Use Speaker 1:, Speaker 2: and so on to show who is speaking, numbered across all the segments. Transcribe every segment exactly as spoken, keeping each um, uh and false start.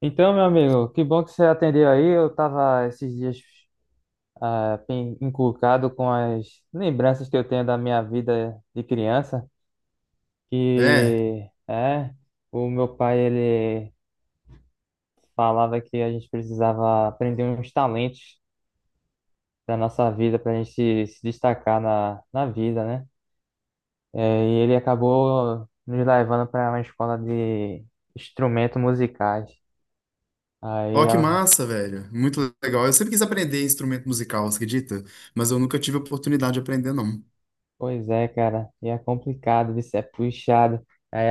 Speaker 1: Então, meu amigo, que bom que você atendeu aí. Eu tava esses dias ah, pen- encucado com as lembranças que eu tenho da minha vida de criança,
Speaker 2: É,
Speaker 1: que é, o meu pai ele falava que a gente precisava aprender uns talentos da nossa vida para a gente se se destacar na, na vida, né? É, e ele acabou nos levando para uma escola de instrumentos musicais. Aí
Speaker 2: ó que massa, velho. Muito legal. Eu sempre quis aprender instrumento musical, você acredita? Mas eu nunca tive oportunidade de aprender, não.
Speaker 1: pois é, cara, e é complicado, isso é puxado. Aí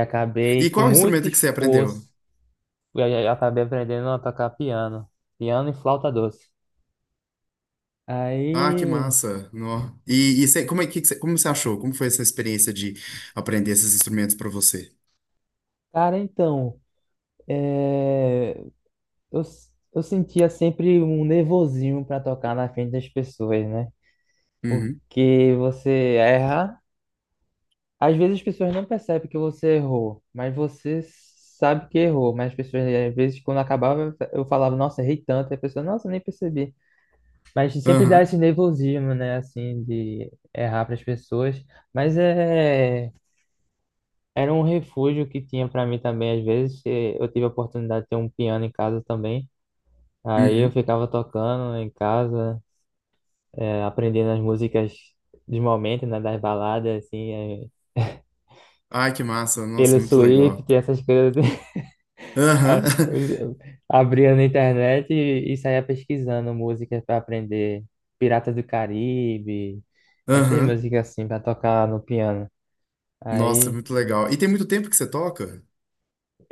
Speaker 2: E
Speaker 1: acabei com
Speaker 2: qual
Speaker 1: muito
Speaker 2: instrumento que você aprendeu?
Speaker 1: esforço, eu já já acabei aprendendo a tocar piano, piano e flauta doce.
Speaker 2: Ah, que
Speaker 1: Aí,
Speaker 2: massa. Nó. E, e você- como é que, que você- como você achou? Como foi essa experiência de aprender esses instrumentos para você?
Speaker 1: cara, então, é, eu, s- eu sentia sempre um nervosinho para tocar na frente das pessoas, né?
Speaker 2: Uhum.
Speaker 1: Porque você erra, às vezes as pessoas não percebem que você errou, mas você sabe que errou. Mas as pessoas, às vezes, quando acabava, eu falava, nossa, errei tanto, e a pessoa, nossa, nem percebi. Mas sempre dá
Speaker 2: Aham.
Speaker 1: esse nervosismo, né? Assim, de errar para as pessoas. Mas é, era um refúgio que tinha para mim também. Às vezes eh, eu tive a oportunidade de ter um piano em casa também. Aí eu
Speaker 2: Uhum.
Speaker 1: ficava tocando em casa, eh, aprendendo as músicas de momento, né? Das baladas, assim, eh,
Speaker 2: Ai, que massa. Nossa,
Speaker 1: pelo
Speaker 2: é muito legal.
Speaker 1: Swift, essas coisas.
Speaker 2: Aham.
Speaker 1: Aí eu abria na internet e, e saía pesquisando músicas para aprender. Pirata do Caribe, essas
Speaker 2: Aham.
Speaker 1: músicas assim, para tocar no piano.
Speaker 2: Nossa, é
Speaker 1: Aí
Speaker 2: muito legal. E tem muito tempo que você toca?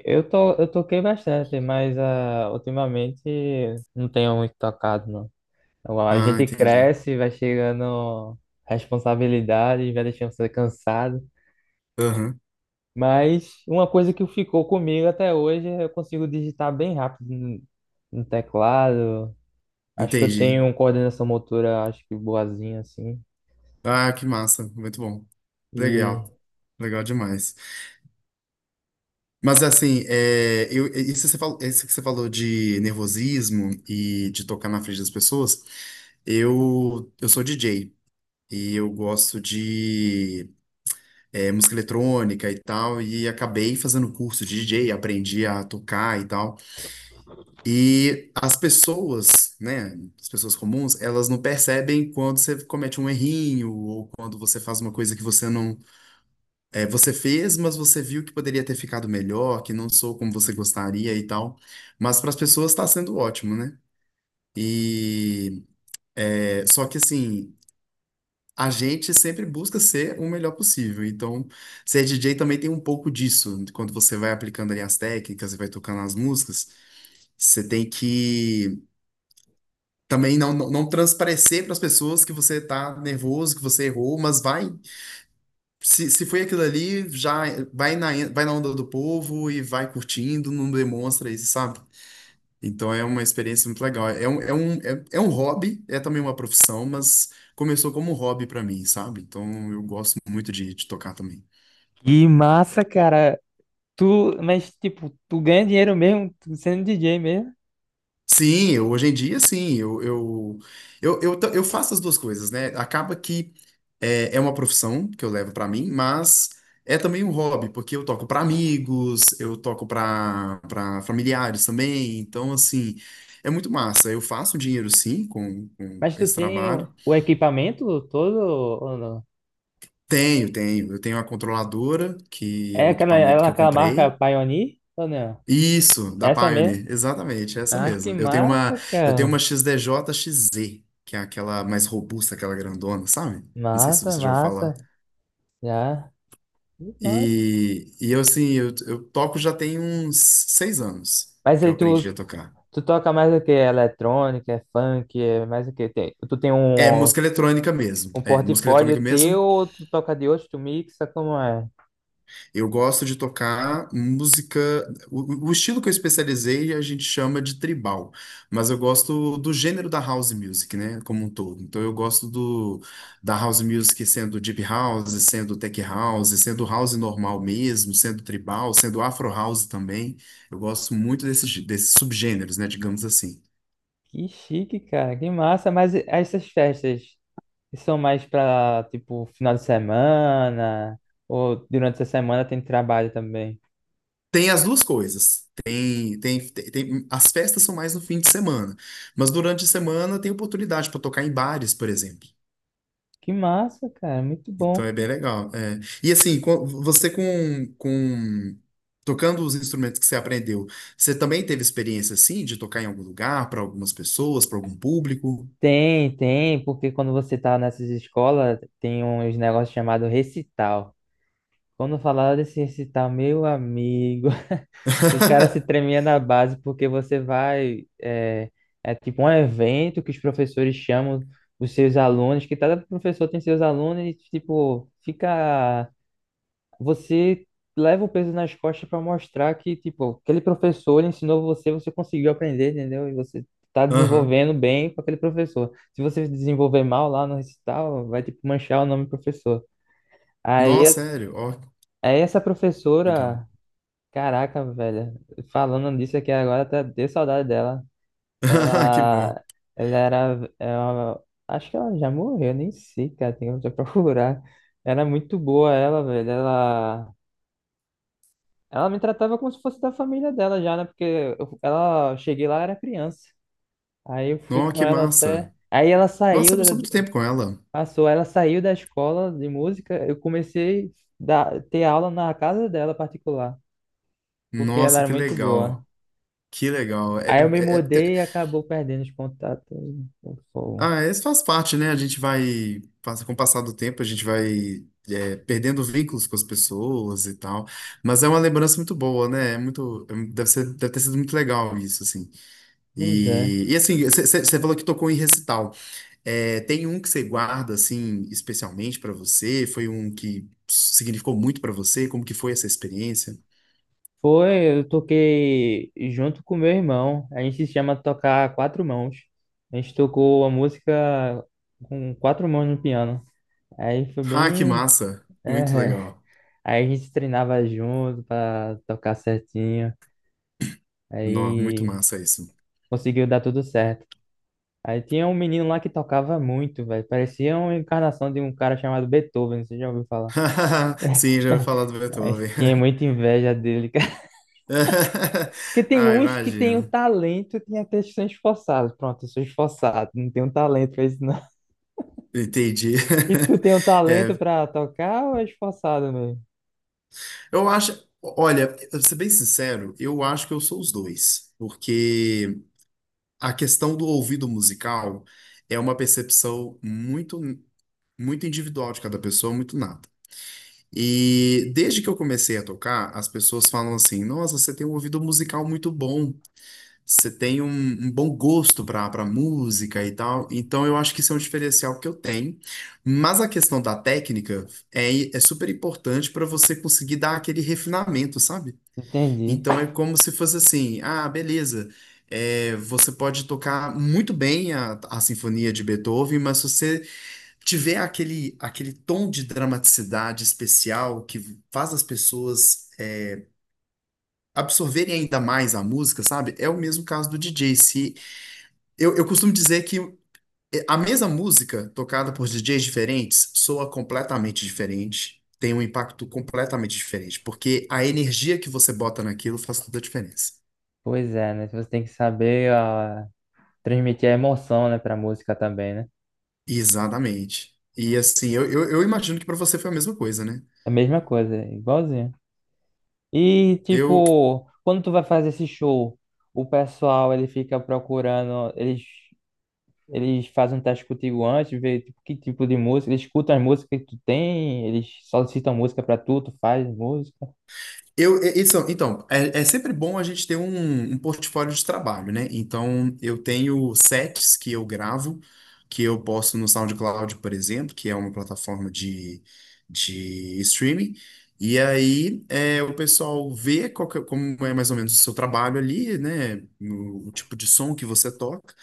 Speaker 1: eu tô, eu toquei bastante, mas ah, ultimamente não tenho muito tocado, não. Então, a
Speaker 2: Ah,
Speaker 1: gente
Speaker 2: entendi.
Speaker 1: cresce, vai chegando responsabilidade, vai deixando você cansado.
Speaker 2: Aham.
Speaker 1: Mas uma coisa que ficou comigo até hoje, é eu consigo digitar bem rápido no no teclado. Acho que eu
Speaker 2: Entendi.
Speaker 1: tenho coordenação motora, acho que boazinha, assim.
Speaker 2: Ah, que massa, muito bom. Legal,
Speaker 1: E,
Speaker 2: legal demais. Mas assim, é, eu, é, isso, que você falou, isso que você falou de nervosismo e de tocar na frente das pessoas, eu, eu sou D J e eu gosto de é, música eletrônica e tal, e acabei fazendo curso de D J, aprendi a tocar e tal. E as pessoas, né, as pessoas comuns, elas não percebem quando você comete um errinho ou quando você faz uma coisa que você não... É, você fez, mas você viu que poderia ter ficado melhor, que não sou como você gostaria e tal. Mas para as pessoas está sendo ótimo, né? E é, só que assim, a gente sempre busca ser o melhor possível. Então, ser D J também tem um pouco disso. Quando você vai aplicando ali as técnicas e vai tocando as músicas, você tem que também não, não, não transparecer para as pessoas que você tá nervoso, que você errou, mas vai... Se, se foi aquilo ali, já vai na, vai na onda do povo e vai curtindo, não demonstra isso, sabe? Então é uma experiência muito legal. É um, é um, é, é um hobby, é também uma profissão, mas começou como um hobby pra mim, sabe? Então eu gosto muito de, de tocar também.
Speaker 1: e massa, cara. Tu, mas tipo, tu ganha dinheiro mesmo, tu sendo D J mesmo.
Speaker 2: Sim, eu- hoje em dia, sim. Eu, eu, eu, eu, ta- eu faço as duas coisas, né? Acaba que é, é uma profissão que eu levo pra mim, mas é também um hobby, porque eu toco pra amigos, eu toco pra para familiares também. Então, assim, é muito massa. Eu faço dinheiro, sim, com, com
Speaker 1: Mas tu
Speaker 2: esse
Speaker 1: tem
Speaker 2: trabalho.
Speaker 1: o equipamento todo ou não?
Speaker 2: Tenho, tenho. Eu tenho a controladora, que é
Speaker 1: É
Speaker 2: o
Speaker 1: aquela, é
Speaker 2: equipamento que eu
Speaker 1: aquela marca
Speaker 2: comprei.
Speaker 1: Pioneer ou não?
Speaker 2: Isso, da
Speaker 1: Essa mesmo?
Speaker 2: Pioneer, exatamente, é essa
Speaker 1: Ah, que
Speaker 2: mesmo. Eu tenho uma,
Speaker 1: massa,
Speaker 2: eu tenho uma
Speaker 1: cara.
Speaker 2: X D J-X Z, que é aquela mais robusta, aquela grandona, sabe? Não sei se
Speaker 1: Massa,
Speaker 2: você já ouviu falar.
Speaker 1: massa. Já. Que massa.
Speaker 2: E, e eu, assim, eu, eu toco já tem uns seis anos
Speaker 1: Mas
Speaker 2: que eu
Speaker 1: aí tu,
Speaker 2: aprendi a tocar.
Speaker 1: tu toca mais o quê? Eletrônica, é funk, é mais o quê? Tem, tu tem
Speaker 2: É
Speaker 1: um,
Speaker 2: música eletrônica mesmo,
Speaker 1: um
Speaker 2: é música eletrônica
Speaker 1: portfólio teu
Speaker 2: mesmo.
Speaker 1: ou tu toca de outro, tu mixa, como é?
Speaker 2: Eu gosto de tocar música. O, o estilo que eu especializei a gente chama de tribal, mas eu gosto do gênero da house music, né, como um todo. Então eu gosto do da house music sendo deep house, sendo tech house, sendo house normal mesmo, sendo tribal, sendo afro house também. Eu gosto muito desses, gê- desses subgêneros, né, digamos assim.
Speaker 1: Que chique, cara. Que massa. Mas e- essas festas? E são mais pra, tipo, final de semana, ou durante essa semana tem trabalho também.
Speaker 2: Tem as duas coisas. Tem, tem, tem, tem- as festas são mais no fim de semana, mas durante a semana tem oportunidade para tocar em bares, por exemplo.
Speaker 1: Que massa, cara, muito
Speaker 2: Então
Speaker 1: bom.
Speaker 2: é bem legal. É. E assim, co- você com, com tocando os instrumentos que você aprendeu, você também teve experiência assim de tocar em algum lugar, para algumas pessoas, para algum público?
Speaker 1: Tem, tem, porque quando você tá nessas escolas, tem uns negócios chamados recital. Quando falaram desse recital, meu amigo, o cara se tremia na base, porque você vai, é, é tipo um evento que os professores chamam os seus alunos, que cada professor tem seus alunos, e, tipo, fica você leva o peso nas costas para mostrar que, tipo, aquele professor ele ensinou você, você conseguiu aprender, entendeu? E você tá
Speaker 2: Aham.
Speaker 1: desenvolvendo bem com aquele professor. Se você desenvolver mal lá no recital, vai, tipo, manchar o nome do professor. Aí,
Speaker 2: Nossa, sério? Ó,
Speaker 1: aí essa
Speaker 2: legal.
Speaker 1: professora, caraca, velho, falando disso aqui agora, até deu saudade dela.
Speaker 2: Que bom.
Speaker 1: Ela, ela era, ela- Acho que ela já morreu, nem sei, cara, tem que procurar. Era muito boa ela, velho. Ela Ela me tratava como se fosse da família dela já, né? Porque eu- ela eu cheguei lá, era criança. Aí eu fui
Speaker 2: Nossa,
Speaker 1: com
Speaker 2: que
Speaker 1: ela até.
Speaker 2: massa.
Speaker 1: Aí ela
Speaker 2: Nossa,
Speaker 1: saiu,
Speaker 2: você
Speaker 1: da,
Speaker 2: passou muito tempo com ela.
Speaker 1: passou, ela saiu da escola de música. Eu comecei a ter aula na casa dela particular, porque ela
Speaker 2: Nossa,
Speaker 1: era
Speaker 2: que
Speaker 1: muito boa.
Speaker 2: legal. Que legal. É.
Speaker 1: Aí eu me mudei e acabou perdendo os contatos. Pô,
Speaker 2: Ah, isso faz parte, né? A gente vai, passa- com o passar do tempo, a gente vai é, perdendo vínculos com as pessoas e tal. Mas é uma lembrança muito boa, né? É muito, é deve ser, deve ter sido muito legal isso, assim.
Speaker 1: pois é.
Speaker 2: E, e assim, você falou que tocou em recital. É, tem um que você guarda, assim, especialmente pra você? Foi um que significou muito pra você? Como que foi essa experiência?
Speaker 1: Foi, eu toquei junto com meu irmão. A gente se chama tocar quatro mãos. A gente tocou a música com quatro mãos no piano. Aí foi
Speaker 2: Ah, que
Speaker 1: bem.
Speaker 2: massa! Muito
Speaker 1: é,
Speaker 2: legal.
Speaker 1: Aí a gente treinava junto pra tocar certinho.
Speaker 2: Nó, muito
Speaker 1: Aí
Speaker 2: massa isso.
Speaker 1: conseguiu dar tudo certo. Aí tinha um menino lá que tocava muito, velho. Parecia uma encarnação de um cara chamado Beethoven, você já ouviu falar?
Speaker 2: Sim, já ouvi falar do
Speaker 1: Aí
Speaker 2: Beethoven.
Speaker 1: tinha muita inveja dele. Porque tem
Speaker 2: Ah,
Speaker 1: uns que tem o
Speaker 2: imagino.
Speaker 1: talento e tem até que são esforçados. Pronto, eu sou esforçado, não tenho talento pra isso não.
Speaker 2: Entendi.
Speaker 1: E tu tem o talento
Speaker 2: É,
Speaker 1: pra tocar ou é esforçado mesmo?
Speaker 2: eu acho, olha, pra ser bem sincero, eu acho que eu sou os dois, porque a questão do ouvido musical é uma percepção muito, muito individual de cada pessoa, muito nata. E desde que eu comecei a tocar, as pessoas falam assim: nossa, você tem um ouvido musical muito bom. Você tem um, um bom gosto para para música e tal. Então eu acho que isso é um diferencial que eu tenho. Mas a questão da técnica é, é super importante para você conseguir dar aquele refinamento, sabe?
Speaker 1: Entendi.
Speaker 2: Então é como se fosse assim, ah, beleza. É, você pode tocar muito bem a, a sinfonia de Beethoven, mas se você tiver aquele, aquele tom de dramaticidade especial que faz as pessoas é, absorverem ainda mais a música, sabe? É o mesmo caso do D J. Se eu, eu costumo dizer que é, a mesma música tocada por D Js diferentes soa completamente diferente, tem um impacto completamente diferente, porque a energia que você bota naquilo faz toda a diferença.
Speaker 1: Pois é, né? Você tem que saber ah, transmitir a emoção, né, pra música também, né?
Speaker 2: Exatamente. E assim, eu, eu, eu imagino que para você foi a mesma coisa, né?
Speaker 1: É a mesma coisa, é igualzinho. E,
Speaker 2: Eu,
Speaker 1: tipo, quando tu vai fazer esse show, o pessoal, ele fica procurando, eles Eles fazem um teste contigo antes, vê tipo, que tipo de música, eles escutam as músicas que tu tem, eles solicitam música pra tu, tu faz música.
Speaker 2: Eu, e- isso, então, é, é sempre bom a gente ter um, um portfólio de trabalho, né? Então, eu tenho sets que eu gravo, que eu posto no SoundCloud, por exemplo, que é uma plataforma de, de streaming. E aí, é, o pessoal vê qual que é- como é mais ou menos o seu trabalho ali, né? No- o tipo de som que você toca.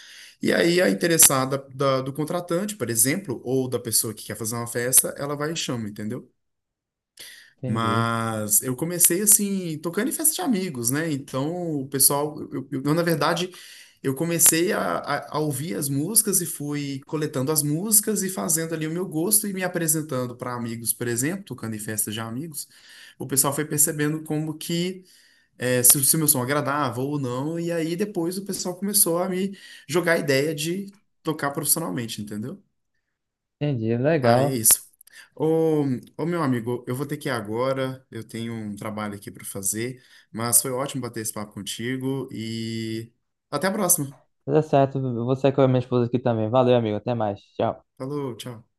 Speaker 2: E aí, a interessada da- do contratante, por exemplo, ou da pessoa que quer fazer uma festa, ela vai e chama, entendeu?
Speaker 1: Entendi,
Speaker 2: Mas eu comecei assim, tocando em festa de amigos, né? Então, o pessoal, eu, eu- eu, na verdade, eu comecei a, a- a ouvir as músicas e fui coletando as músicas e fazendo ali o meu gosto e me apresentando para amigos, por exemplo, tocando em festa de amigos. O pessoal foi percebendo como que eh, se, o- se o meu som agradava ou não, e aí depois o pessoal começou a me jogar a ideia de tocar profissionalmente, entendeu?
Speaker 1: entendi,
Speaker 2: Ah, é
Speaker 1: legal.
Speaker 2: isso. Ô, ô, meu amigo, eu vou ter que ir agora. Eu tenho um trabalho aqui para fazer, mas foi ótimo bater esse papo contigo e até a próxima.
Speaker 1: Tá certo, eu vou sair com a minha esposa aqui também. Valeu, amigo, até mais. Tchau.
Speaker 2: Falou, tchau.